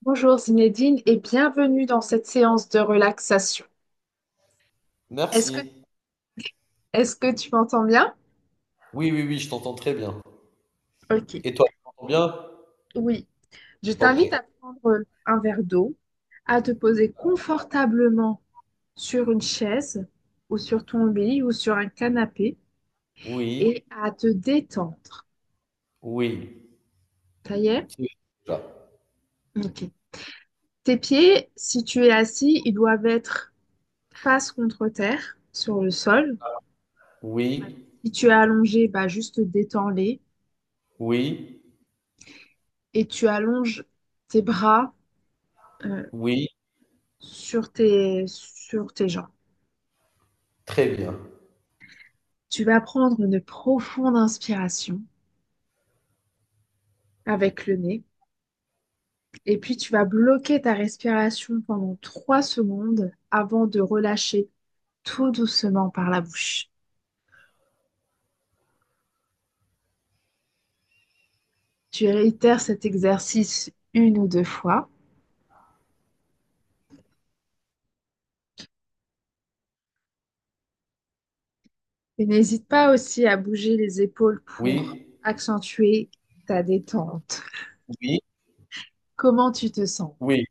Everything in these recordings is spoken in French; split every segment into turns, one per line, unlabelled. Bonjour Zinedine et bienvenue dans cette séance de relaxation. Est-ce que,
Merci.
est-ce que tu m'entends bien?
Oui, oui, oui, je t'entends très bien.
Ok,
Et toi, tu m'entends bien?
oui. Je
Ok.
t'invite à prendre un verre d'eau, à te poser confortablement sur une chaise ou sur ton lit ou sur un canapé
Oui,
et à te détendre.
oui.
Ça y est?
C'est déjà.
Ok. Tes pieds, si tu es assis, ils doivent être face contre terre, sur le sol. Voilà.
Oui,
Si tu es allongé, bah juste détends-les
oui,
et tu allonges tes bras. euh,
oui,
sur tes jambes.
très bien.
Tu vas prendre une profonde inspiration avec le nez et puis tu vas bloquer ta respiration pendant 3 secondes avant de relâcher tout doucement par la bouche. Tu réitères cet exercice une ou deux fois et n'hésite pas aussi à bouger les épaules pour
Oui,
accentuer ta détente.
oui,
Comment tu te sens?
oui.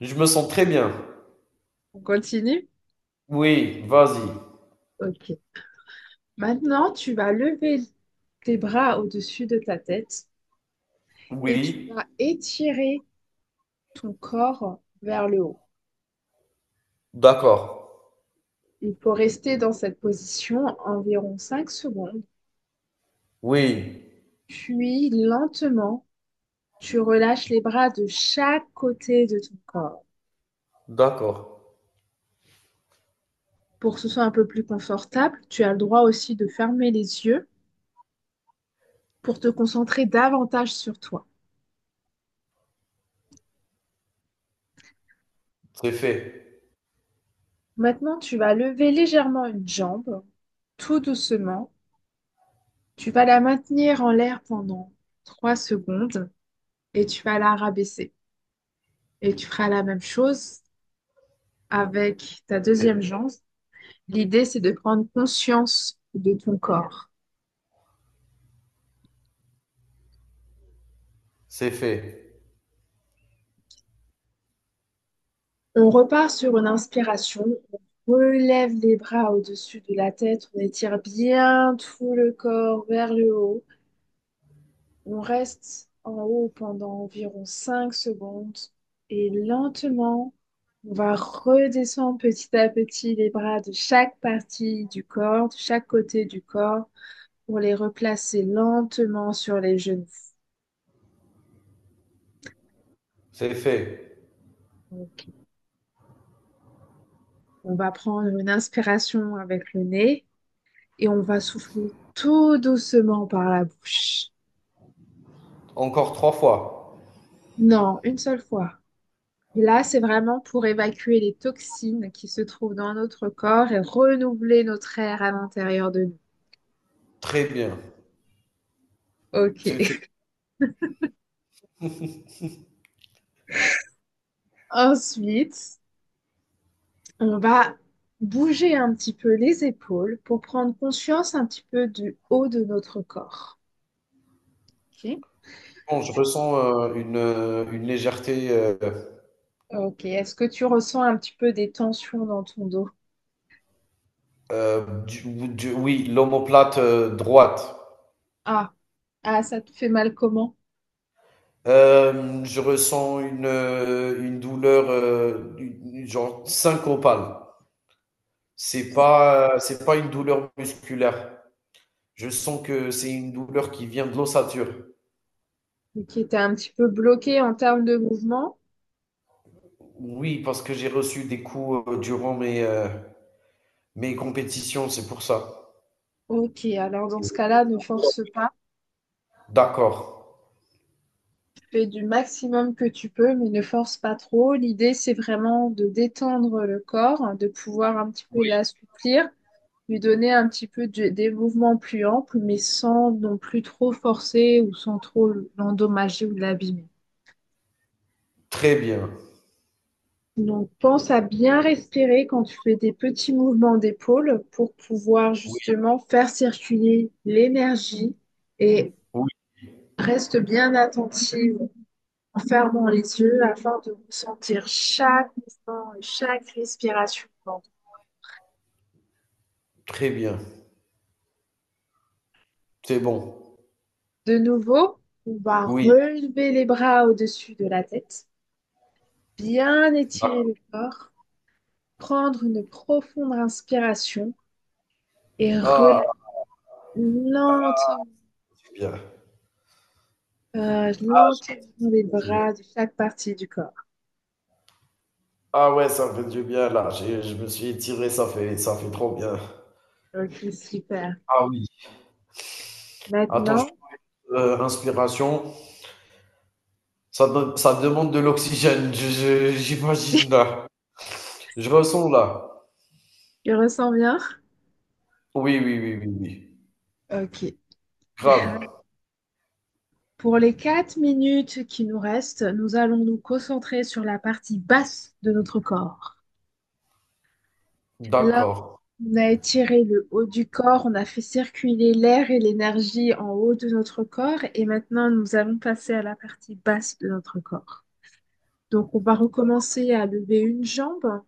Je me sens très bien.
On continue?
Oui, vas-y.
Ok. Maintenant, tu vas lever tes bras au-dessus de ta tête et tu
Oui,
vas étirer ton corps vers le haut.
d'accord.
Il faut rester dans cette position environ 5 secondes,
Oui,
puis lentement, tu relâches les bras de chaque côté de ton corps.
d'accord.
Pour que ce soit un peu plus confortable, tu as le droit aussi de fermer les yeux pour te concentrer davantage sur toi.
C'est fait.
Maintenant, tu vas lever légèrement une jambe, tout doucement. Tu vas la maintenir en l'air pendant 3 secondes et tu vas la rabaisser. Et tu feras la même chose avec ta deuxième jambe. L'idée, c'est de prendre conscience de ton corps.
C'est fait.
On repart sur une inspiration. On relève les bras au-dessus de la tête. On étire bien tout le corps vers le haut. On reste en haut pendant environ 5 secondes. Et lentement, on va redescendre petit à petit les bras de chaque partie du corps, de chaque côté du corps, pour les replacer lentement sur les genoux.
C'est fait.
On On va prendre une inspiration avec le nez et on va souffler tout doucement par la bouche.
Encore trois fois.
Non, une seule fois. Et là, c'est vraiment pour évacuer les toxines qui se trouvent dans notre corps et renouveler notre air à l'intérieur de nous.
Très bien.
Ok.
C'est fait.
Ensuite, on va bouger un petit peu les épaules pour prendre conscience un petit peu du haut de notre corps. Ok.
Bon, je ressens une légèreté.
Ok. Est-ce que tu ressens un petit peu des tensions dans ton dos?
Oui, l'omoplate droite.
Ah, ah, ça te fait mal comment?
Je ressens une douleur, genre syncopale. C'est pas une douleur musculaire. Je sens que c'est une douleur qui vient de l'ossature.
Et qui était un petit peu bloqué en termes de mouvement.
Oui, parce que j'ai reçu des coups durant mes, mes compétitions, c'est pour ça.
Ok, alors dans ce cas-là, ne force pas.
D'accord.
Fais du maximum que tu peux, mais ne force pas trop. L'idée, c'est vraiment de détendre le corps, de pouvoir un petit peu
Oui,
l'assouplir, lui donner un petit peu des mouvements plus amples, mais sans non plus trop forcer ou sans trop l'endommager ou l'abîmer.
très bien.
Donc, pense à bien respirer quand tu fais des petits mouvements d'épaule pour pouvoir
Oui,
justement faire circuler l'énergie et
oui,
reste bien attentive en fermant les yeux afin de ressentir chaque mouvement et chaque respiration.
très bien. C'est bon.
De nouveau, on va
Oui,
relever les bras au-dessus de la tête, bien étirer
d'accord.
le corps, prendre une profonde inspiration et
Ah,
relâcher lentement,
c'est bien.
lentement les
C'est bien.
bras de chaque partie du corps.
Ah ouais, ça me fait du bien là. Je me suis étiré, ça fait trop bien.
Ok, super.
Ah oui. Attends,
Maintenant,
inspiration. Ça, ça demande de l'oxygène, j'imagine là. Je ressens là.
tu ressens bien?
Oui, oui, oui, oui, oui.
Ok.
Grave.
Pour les 4 minutes qui nous restent, nous allons nous concentrer sur la partie basse de notre corps. Là,
D'accord.
on a étiré le haut du corps, on a fait circuler l'air et l'énergie en haut de notre corps et maintenant nous allons passer à la partie basse de notre corps. Donc on va recommencer à lever une jambe.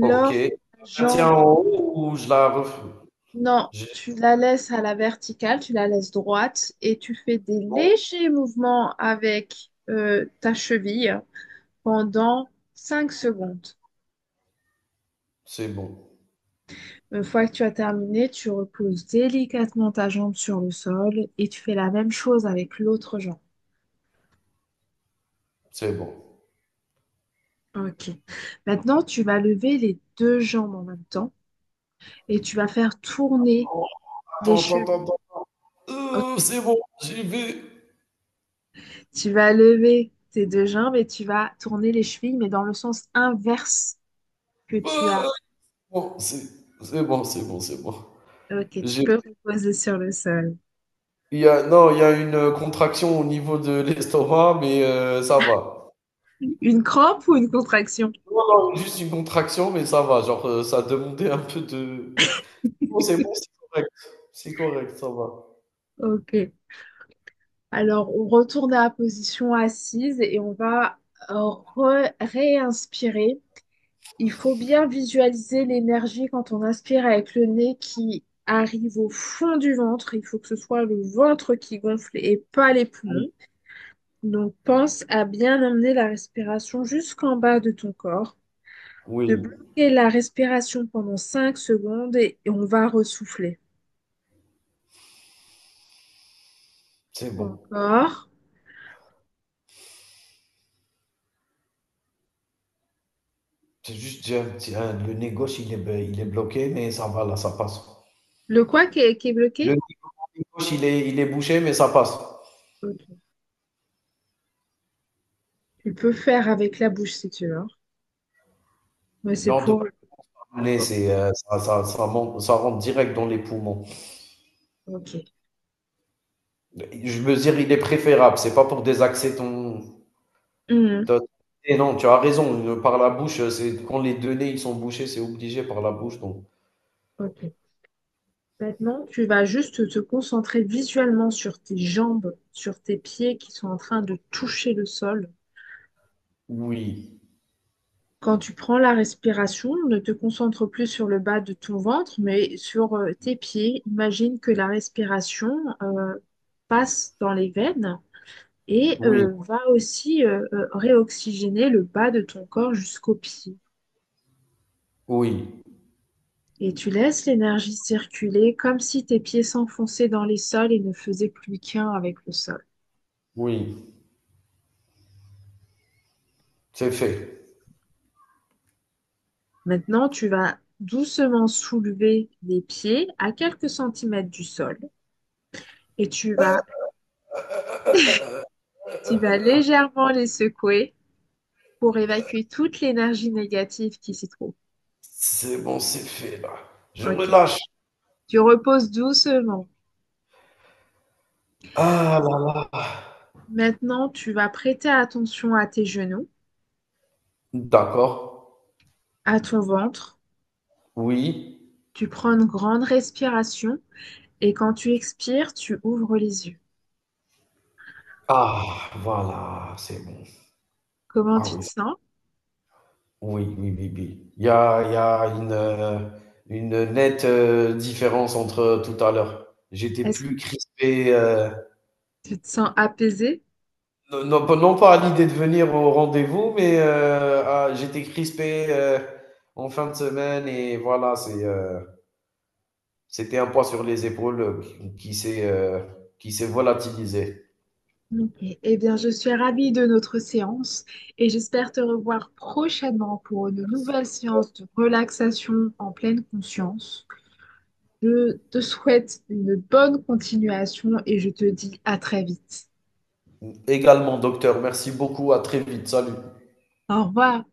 Ok. Je
la
la maintiens
jambe
en
est...
haut ou je la
oui,
refais?
non,
J'ai-
tu la laisses à la verticale, tu la laisses droite et tu fais des
Bon,
légers mouvements avec ta cheville pendant 5 secondes.
c'est bon.
Une fois que tu as terminé, tu reposes délicatement ta jambe sur le sol et tu fais la même chose avec l'autre jambe.
C'est bon.
Ok. Maintenant, tu vas lever les deux jambes en même temps et tu vas faire tourner
Oh,
les
attends, attends,
chevilles.
attends.
Ok.
C'est bon, j'y vais.
Tu vas lever tes deux jambes et tu vas tourner les chevilles, mais dans le sens inverse que tu as.
Euh, bon, c'est bon, c'est bon, c'est bon.
Ok, tu
J'ai
peux reposer sur le sol.
Il y a, non, il y a une contraction au niveau de l'estomac, mais ça va.
Une crampe ou une contraction?
Non, non, juste une contraction, mais ça va. Genre, ça demandait un peu de... Non, c'est bon, c'est correct. C'est correct, ça va.
Ok. Alors, on retourne à la position assise et on va réinspirer. Il faut bien visualiser l'énergie quand on inspire avec le nez qui arrive au fond du ventre. Il faut que ce soit le ventre qui gonfle et pas les
Oui,
poumons. Donc, pense à bien emmener la respiration jusqu'en bas de ton corps, de
oui,
bloquer la respiration pendant 5 secondes et on va ressouffler.
c'est bon.
Encore.
C'est juste, tiens, tiens, le nez gauche, il est, il est bloqué, mais ça va, là, ça passe.
Le quoi qui est
Le
bloqué?
nez gauche, il est bouché, mais ça passe.
Ok. Tu peux faire avec la bouche si tu veux. Mais c'est
Non, de
pour...
Le nez,
oh,
c'est, ça, ça rentre direct dans les poumons.
ok.
Je veux dire, il est préférable. C'est pas pour désaxer ton.
Mhm.
Tu Et non, tu as raison, par la bouche, c'est quand les 2 nez, ils sont bouchés, c'est obligé par la bouche, donc
Ok. Maintenant, tu vas juste te concentrer visuellement sur tes jambes, sur tes pieds qui sont en train de toucher le sol.
oui,
Quand tu prends la respiration, ne te concentre plus sur le bas de ton ventre, mais sur tes pieds. Imagine que la respiration euh, passe dans les veines et
oui,
va aussi réoxygéner le bas de ton corps jusqu'aux pieds.
oui,
Et tu laisses l'énergie circuler comme si tes pieds s'enfonçaient dans les sols et ne faisaient plus qu'un avec le sol.
oui, c'est fait.
Maintenant, tu vas doucement soulever les pieds à quelques centimètres du sol et tu vas légèrement les secouer pour évacuer toute l'énergie négative qui s'y trouve.
C'est bon, c'est fait là. Je
Ok.
relâche.
Tu reposes doucement.
Ah là là.
Maintenant, tu vas prêter attention à tes genoux,
D'accord,
à ton ventre.
oui.
Tu prends une grande respiration et quand tu expires, tu ouvres les yeux.
Ah voilà, c'est bon.
Comment
Ah
tu te
oui,
sens?
oui, oui, oui, oui. Il y a une nette, différence entre tout à l'heure. J'étais
Est-ce que
plus crispé,
tu te sens apaisée?
non, non, pas non pas à l'idée de venir au rendez-vous, mais ah, j'étais crispé en fin de semaine et voilà, c'est, c'était un poids sur les épaules qui qui s'est euh, qui s'est volatilisé.
Ok. Eh bien, je suis ravie de notre séance et j'espère te revoir prochainement pour une nouvelle séance de relaxation en pleine conscience. Je te souhaite une bonne continuation et je te dis à très vite.
Également, docteur, merci beaucoup, à très vite, salut.
Au revoir.